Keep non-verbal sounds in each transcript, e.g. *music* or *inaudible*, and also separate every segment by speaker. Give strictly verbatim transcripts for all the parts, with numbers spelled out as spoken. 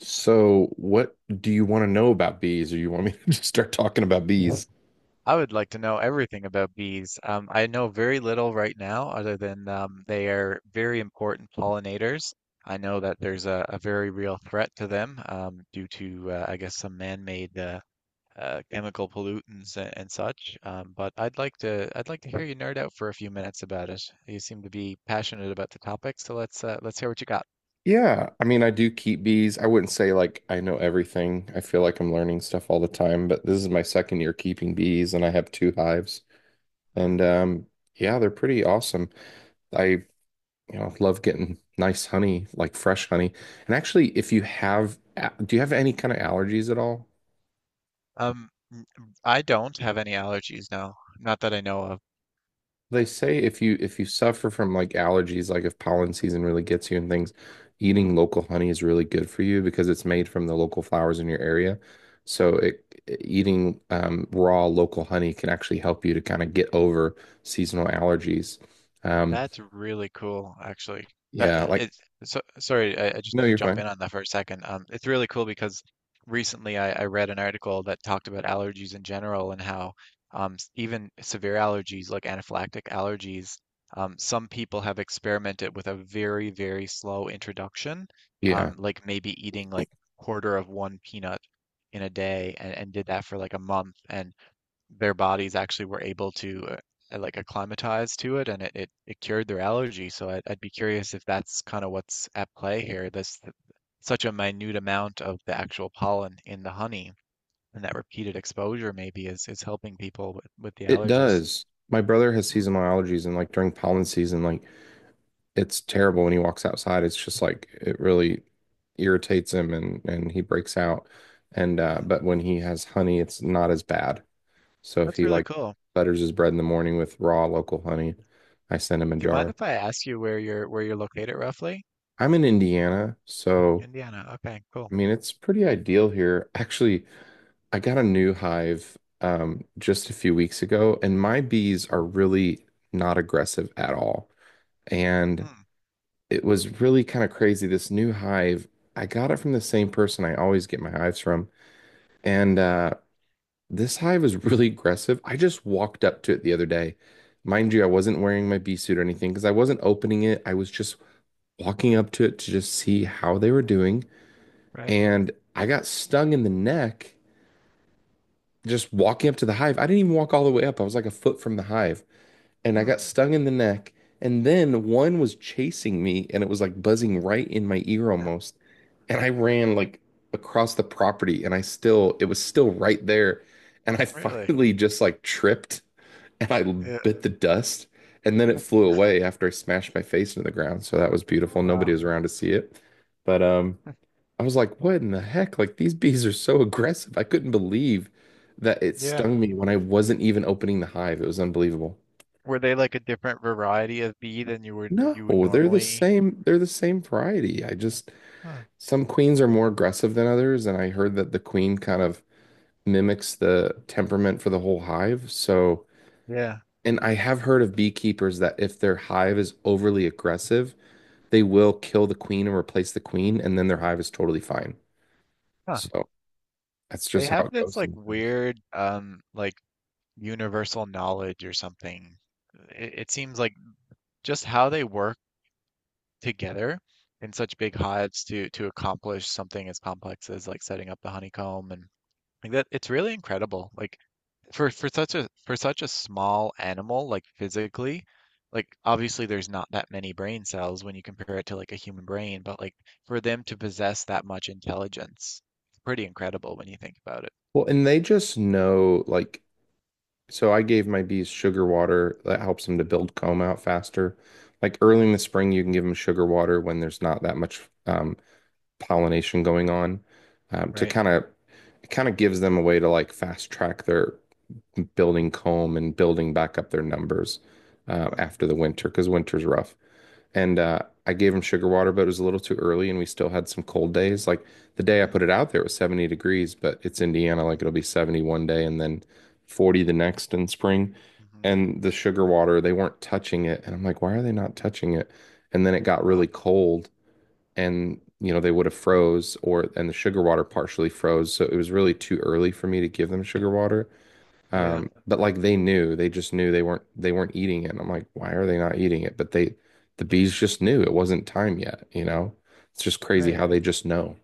Speaker 1: So, what do you want to know about bees, or you want me *laughs* to just start talking about bees?
Speaker 2: I would like to know everything about bees. Um, I know very little right now, other than um, they are very important pollinators. I know that there's a, a very real threat to them um, due to, uh, I guess, some man-made uh, uh, chemical pollutants and, and such. Um, but I'd like to, I'd like to hear you nerd out for a few minutes about it. You seem to be passionate about the topic, so let's uh, let's hear what you got.
Speaker 1: Yeah, I mean, I do keep bees. I wouldn't say like I know everything. I feel like I'm learning stuff all the time, but this is my second year keeping bees, and I have two hives.
Speaker 2: Hmm.
Speaker 1: And um, yeah, they're pretty awesome. I, you know, love getting nice honey, like fresh honey. And actually, if you have, a- do you have any kind of allergies at all?
Speaker 2: Um, n- I don't have any allergies, no, not that I know of.
Speaker 1: They say if you if you suffer from like allergies, like if pollen season really gets you and things, eating local honey is really good for you because it's made from the local flowers in your area. So it, e, eating um, raw local honey can actually help you to kind of get over seasonal allergies. Um,
Speaker 2: That's really cool, actually. That
Speaker 1: yeah,
Speaker 2: uh,
Speaker 1: like
Speaker 2: it's So sorry, I, I just
Speaker 1: no,
Speaker 2: need to
Speaker 1: you're
Speaker 2: jump
Speaker 1: fine.
Speaker 2: in on that for a second. Um, it's really cool because recently I, I read an article that talked about allergies in general and how um, s- even severe allergies like anaphylactic allergies, um, some people have experimented with a very, very slow introduction,
Speaker 1: Yeah,
Speaker 2: um, like maybe eating like quarter of one peanut in a day and, and did that for like a month. And their bodies actually were able to uh, uh, like acclimatize to it and it, it, it cured their allergy. So I'd, I'd be curious if that's kind of what's at play here. This such a minute amount of the actual pollen in the honey and that repeated exposure maybe is, is helping people with, with the
Speaker 1: it
Speaker 2: allergies.
Speaker 1: does. My brother has
Speaker 2: Hmm,
Speaker 1: seasonal allergies, and like during pollen season, like it's terrible when he walks outside. It's just like it really irritates him and and he breaks out. And uh
Speaker 2: hmm.
Speaker 1: but when he has honey, it's not as bad. So if
Speaker 2: That's
Speaker 1: he
Speaker 2: really
Speaker 1: like
Speaker 2: cool.
Speaker 1: butters his bread in the morning with raw local honey, I send him a
Speaker 2: Do you mind
Speaker 1: jar.
Speaker 2: if I ask you where you're where you're located roughly?
Speaker 1: I'm in Indiana, so
Speaker 2: Indiana. Okay,
Speaker 1: I
Speaker 2: cool.
Speaker 1: mean it's pretty ideal here. Actually, I got a new hive um just a few weeks ago and my bees are really not aggressive at all. And
Speaker 2: Hmm.
Speaker 1: it was really kind of crazy. This new hive, I got it from the same person I always get my hives from. And uh, this hive is really aggressive. I just walked up to it the other day. Mind you, I wasn't wearing my bee suit or anything because I wasn't opening it. I was just walking up to it to just see how they were doing.
Speaker 2: Right.
Speaker 1: And I got stung in the neck just walking up to the hive. I didn't even walk all the way up. I was like a foot from the hive. And I
Speaker 2: Hmm.
Speaker 1: got stung in the neck. And then one was chasing me and it was like buzzing right in my ear almost. And I ran like across the property and I still, it was still right there. And I *laughs*
Speaker 2: Really?
Speaker 1: finally just like tripped and I bit the dust. And then it flew away after I smashed my face into the ground. So that was beautiful. Nobody
Speaker 2: Wow.
Speaker 1: was around to see it. But um, I was like, what in the heck? Like these bees are so aggressive. I couldn't believe that it
Speaker 2: Yeah.
Speaker 1: stung me when I wasn't even opening the hive. It was unbelievable.
Speaker 2: Were they like a different variety of bee than you would you would
Speaker 1: No, they're the
Speaker 2: normally?
Speaker 1: same. They're the same variety. I just
Speaker 2: Oh.
Speaker 1: Some queens are more aggressive than others, and I heard that the queen kind of mimics the temperament for the whole hive. So,
Speaker 2: Yeah.
Speaker 1: and I have heard of beekeepers that if their hive is overly aggressive, they will kill the queen and replace the queen, and then their hive is totally fine.
Speaker 2: Huh.
Speaker 1: So that's
Speaker 2: They
Speaker 1: just how
Speaker 2: have
Speaker 1: it
Speaker 2: this
Speaker 1: goes
Speaker 2: like
Speaker 1: sometimes.
Speaker 2: weird um like universal knowledge or something. It, it seems like just how they work together in such big hives to to accomplish something as complex as like setting up the honeycomb and like that it's really incredible. Like for for such a for such a small animal like physically, like obviously there's not that many brain cells when you compare it to like a human brain, but like for them to possess that much intelligence, it's pretty incredible when you think about it.
Speaker 1: Well, and they just know, like. So I gave my bees sugar water that helps them to build comb out faster. Like early
Speaker 2: Mhm.
Speaker 1: in the spring, you can give them sugar water when there's not that much um, pollination going on um, to
Speaker 2: Right.
Speaker 1: kind of it kind of gives them a way to like fast track their building comb and building back up their numbers uh,
Speaker 2: Mm.
Speaker 1: after the winter because winter's rough and uh, I gave him sugar water, but it was a little too early, and we still had some cold days. Like the day I put
Speaker 2: Hmm.
Speaker 1: it out there, it was seventy degrees, but it's Indiana,
Speaker 2: Mm.
Speaker 1: like it'll be seventy one day and then forty the next in spring.
Speaker 2: Hmm.
Speaker 1: And the sugar water, they weren't touching it, and I'm like, why are they not touching it? And then it got
Speaker 2: Wow.
Speaker 1: really cold, and you know they would have froze, or and the sugar water partially froze, so it was really too early for me to give them sugar water.
Speaker 2: Yeah.
Speaker 1: Um, but like they knew, they just knew they weren't they weren't eating it. And I'm like, why are they not eating it? But they the bees just knew it wasn't time yet, you know? It's just crazy
Speaker 2: Right.
Speaker 1: how they just know.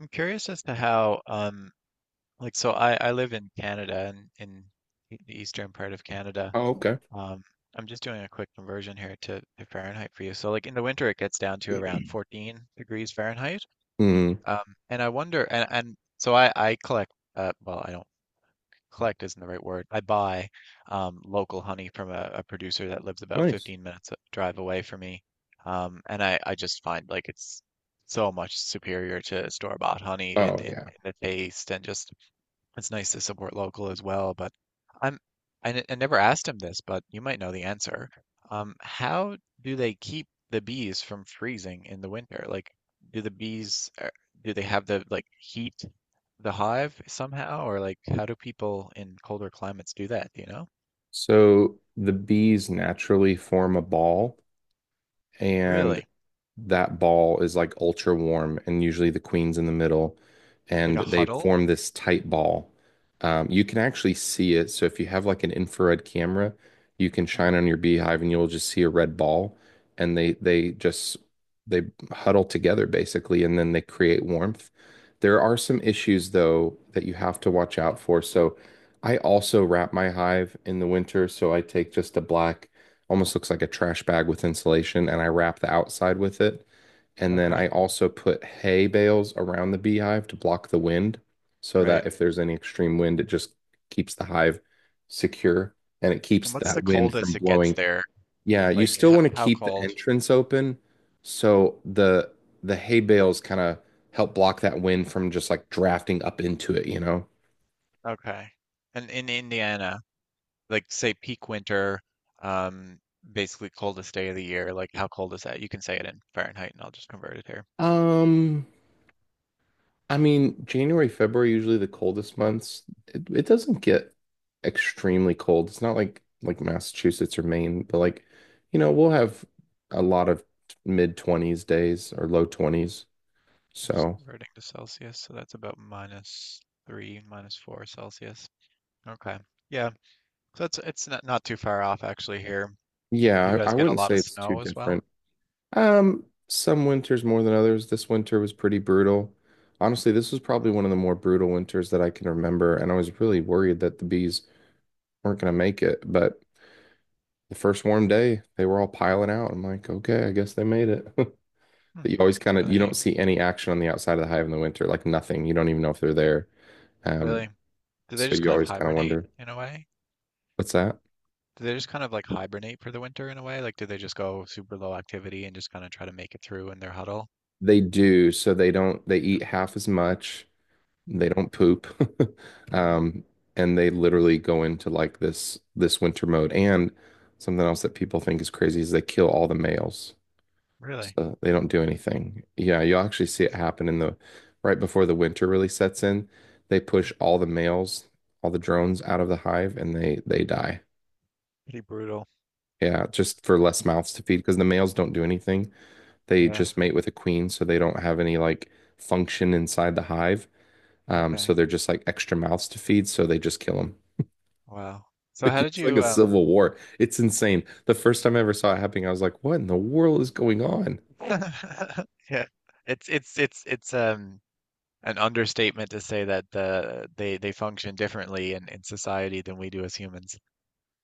Speaker 2: I'm curious as to how, um, like, so I, I live in Canada and in e- the eastern part of Canada.
Speaker 1: Oh, okay.
Speaker 2: Um, I'm just doing a quick conversion here to, to Fahrenheit for you. So, like, in the winter, it gets down to around fourteen degrees Fahrenheit.
Speaker 1: Mm,
Speaker 2: Um, and I wonder, and, and so I, I collect, uh, well, I don't. Collect isn't the right word. I buy um, local honey from a, a producer that lives about
Speaker 1: nice.
Speaker 2: fifteen minutes uh, drive away from me. Um, and I, I just find like it's so much superior to store-bought honey in,
Speaker 1: Oh
Speaker 2: in,
Speaker 1: yeah.
Speaker 2: in the taste and just it's nice to support local as well, but I'm I, n- I never asked him this, but you might know the answer. Um, how do they keep the bees from freezing in the winter? Like, do the bees uh, do they have the like heat the hive somehow, or like how do people in colder climates do that? Do you know?
Speaker 1: So the bees naturally form a ball and
Speaker 2: Really?
Speaker 1: that ball is like ultra warm, and usually the queen's in the middle,
Speaker 2: Like
Speaker 1: and
Speaker 2: a
Speaker 1: they
Speaker 2: huddle?
Speaker 1: form this tight ball. Um, you can actually see it. So if you have like an infrared camera, you can
Speaker 2: Hmm.
Speaker 1: shine on your beehive, and you'll just see a red ball, and they they just they huddle together basically, and then they create warmth. There are some issues though that you have to watch out for. So I also wrap my hive in the winter, so I take just a black almost looks like a trash bag with insulation, and I wrap the outside with it. And then I
Speaker 2: Okay.
Speaker 1: also put hay bales around the beehive to block the wind so that
Speaker 2: Right.
Speaker 1: if there's any extreme wind, it just keeps the hive secure and it keeps
Speaker 2: And what's the
Speaker 1: that wind from
Speaker 2: coldest it gets
Speaker 1: blowing.
Speaker 2: there?
Speaker 1: Yeah, you
Speaker 2: Like
Speaker 1: still
Speaker 2: h-
Speaker 1: want to
Speaker 2: how
Speaker 1: keep the
Speaker 2: cold?
Speaker 1: entrance open so the the hay bales kind of help block that wind from just like drafting up into it, you know?
Speaker 2: Okay. And in Indiana, like say peak winter, um, basically coldest day of the year. Like how cold is that? You can say it in Fahrenheit, and I'll just convert it here.
Speaker 1: Um, I mean, January, February, usually the coldest months. It, it doesn't get extremely cold. It's not like like Massachusetts or Maine, but like, you know, we'll have a lot of mid twenties days or low twenties.
Speaker 2: I'm just
Speaker 1: So,
Speaker 2: converting to Celsius, so that's about minus three, minus four Celsius. Okay, yeah, so it's it's not, not too far off actually here. You
Speaker 1: yeah, I,
Speaker 2: guys
Speaker 1: I
Speaker 2: get a
Speaker 1: wouldn't
Speaker 2: lot
Speaker 1: say
Speaker 2: of
Speaker 1: it's too
Speaker 2: snow as well.
Speaker 1: different. Um, some winters more than others. This winter was pretty brutal. Honestly, this was probably
Speaker 2: Mm.
Speaker 1: one of the more brutal winters that I can remember, and I was really worried that the bees weren't going to make it, but the first warm day, they were all piling out. I'm like, okay, I guess they made it. *laughs*
Speaker 2: Hmm.
Speaker 1: But you always kind of
Speaker 2: Really
Speaker 1: you don't
Speaker 2: neat.
Speaker 1: see any action on the outside of the hive in the winter, like nothing. You don't even know if they're there. Um,
Speaker 2: Really, do they
Speaker 1: so
Speaker 2: just
Speaker 1: you
Speaker 2: kind of
Speaker 1: always kind of
Speaker 2: hibernate
Speaker 1: wonder,
Speaker 2: in a way?
Speaker 1: what's that?
Speaker 2: Do they just kind of like hibernate for the winter in a way? Like, do they just go super low activity and just kind of try to make it through in their huddle?
Speaker 1: They do, so they don't they
Speaker 2: Yeah.
Speaker 1: eat half as much, they
Speaker 2: Mm.
Speaker 1: don't poop. *laughs*
Speaker 2: Mm.
Speaker 1: Um, and they literally go into like this this winter mode. And something else that people think is crazy is they kill all the males.
Speaker 2: Really?
Speaker 1: So they don't do anything. Yeah, you'll actually see it happen in the right before the winter really sets in. They push
Speaker 2: Hmm.
Speaker 1: all the males, all the drones out of the hive and they they die.
Speaker 2: Pretty brutal.
Speaker 1: Yeah, just for less mouths to feed because the males don't do anything. They
Speaker 2: Yeah.
Speaker 1: just mate with a queen, so they don't have any like function inside the hive. Um, so
Speaker 2: Okay.
Speaker 1: they're just like extra mouths to feed, so they just kill them. *laughs*
Speaker 2: Wow. So
Speaker 1: It
Speaker 2: how did
Speaker 1: looks like a
Speaker 2: you um
Speaker 1: civil war. It's insane. The first time I ever saw it happening, I was like, what in the world is going on?
Speaker 2: *laughs* yeah. It's it's it's it's um an understatement to say that the they they function differently in in society than we do as humans.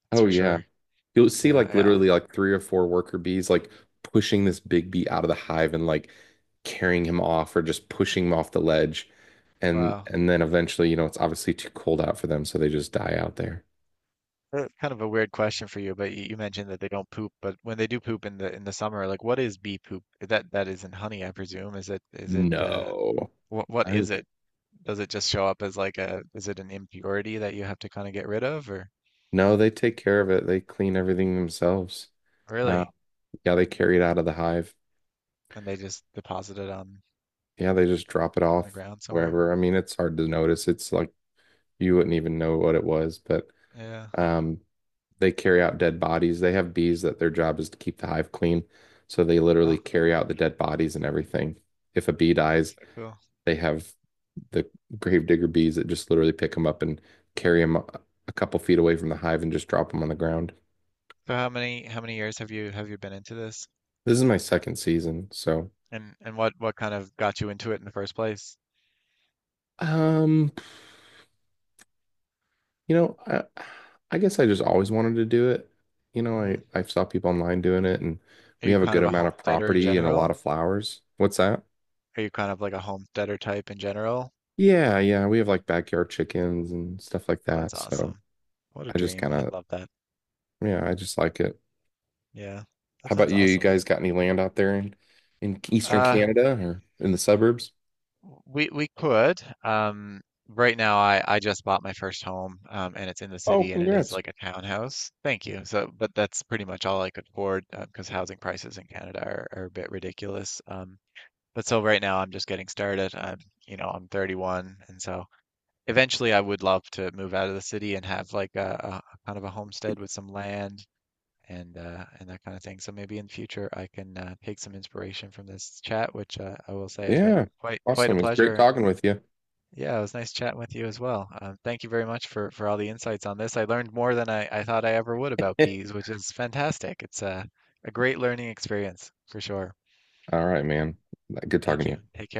Speaker 2: That's
Speaker 1: Oh
Speaker 2: for
Speaker 1: yeah.
Speaker 2: sure.
Speaker 1: You'll see
Speaker 2: Yeah,
Speaker 1: like
Speaker 2: yeah.
Speaker 1: literally like three or four worker bees like pushing this big bee out of the hive and like carrying him off or just pushing him off the ledge. And
Speaker 2: Wow.
Speaker 1: and then eventually, you know, it's obviously too cold out for them, so they just die out there.
Speaker 2: Uh, Kind of a weird question for you, but you, you mentioned that they don't poop, but when they do poop in the in the summer, like what is bee poop? That that isn't honey, I presume. Is it is it uh
Speaker 1: No.
Speaker 2: what what
Speaker 1: I
Speaker 2: is
Speaker 1: think
Speaker 2: it? Does it just show up as like a is it an impurity that you have to kind of get rid of or?
Speaker 1: no, they take care of it. They clean everything themselves. Uh,
Speaker 2: Really?
Speaker 1: yeah, they carry it out of the hive.
Speaker 2: And they just deposit it on
Speaker 1: Yeah,
Speaker 2: uh,
Speaker 1: they just drop it
Speaker 2: in the
Speaker 1: off
Speaker 2: ground somewhere?
Speaker 1: wherever. I mean, it's hard to notice. It's like you wouldn't even know what it was, but
Speaker 2: Yeah.
Speaker 1: um they carry out dead bodies. They have bees that their job is to keep the hive clean. So they literally
Speaker 2: Oh,
Speaker 1: carry out the dead bodies and everything. If a bee dies,
Speaker 2: that's so cool.
Speaker 1: they have the gravedigger bees that just literally pick them up and carry them a couple feet away from the hive and just drop them on the ground.
Speaker 2: So how many how many years have you have you been into this?
Speaker 1: This is my second season, so
Speaker 2: And and what what kind of got you into it in the first place?
Speaker 1: um, you know, I, I guess I just always wanted to do it. You know, I
Speaker 2: Hmm.
Speaker 1: I saw people online doing it, and
Speaker 2: Are
Speaker 1: we
Speaker 2: you
Speaker 1: have a
Speaker 2: kind
Speaker 1: good
Speaker 2: of a
Speaker 1: amount of
Speaker 2: homesteader in
Speaker 1: property and a lot
Speaker 2: general?
Speaker 1: of flowers. What's that?
Speaker 2: Are you kind of like a homesteader type in general?
Speaker 1: Yeah, yeah, we have like backyard chickens and stuff like
Speaker 2: Oh, that's
Speaker 1: that. So
Speaker 2: awesome. What a
Speaker 1: I just
Speaker 2: dream.
Speaker 1: kind
Speaker 2: I'd
Speaker 1: of,
Speaker 2: love that.
Speaker 1: yeah, I just like it.
Speaker 2: Yeah. That
Speaker 1: How about
Speaker 2: sounds
Speaker 1: you? You
Speaker 2: awesome.
Speaker 1: guys got any land out there in in Eastern
Speaker 2: Uh,
Speaker 1: Canada or in the suburbs?
Speaker 2: We we could. Um, right now, I I just bought my first home, um, and it's in the
Speaker 1: Oh,
Speaker 2: city, and it is
Speaker 1: congrats.
Speaker 2: like a townhouse. Thank you. So, but that's pretty much all I could afford uh, because housing prices in Canada are, are a bit ridiculous. Um, but so right now, I'm just getting started. I'm You know, I'm thirty-one, and so eventually, I would love to move out of the city and have like a, a kind of a homestead with some land. And uh, and that kind of thing. So maybe in the future I can uh, take some inspiration from this chat, which uh, I will say has been
Speaker 1: Yeah.
Speaker 2: quite quite a
Speaker 1: Awesome. It's great
Speaker 2: pleasure.
Speaker 1: talking with you.
Speaker 2: Yeah, it was nice chatting with you as well. Uh, thank you very much for, for all the insights on this. I learned more than I, I thought I ever would about bees,
Speaker 1: *laughs*
Speaker 2: which is fantastic. It's a, a great learning experience for sure.
Speaker 1: All right, man. Good talking
Speaker 2: Thank
Speaker 1: to
Speaker 2: you.
Speaker 1: you.
Speaker 2: Take care.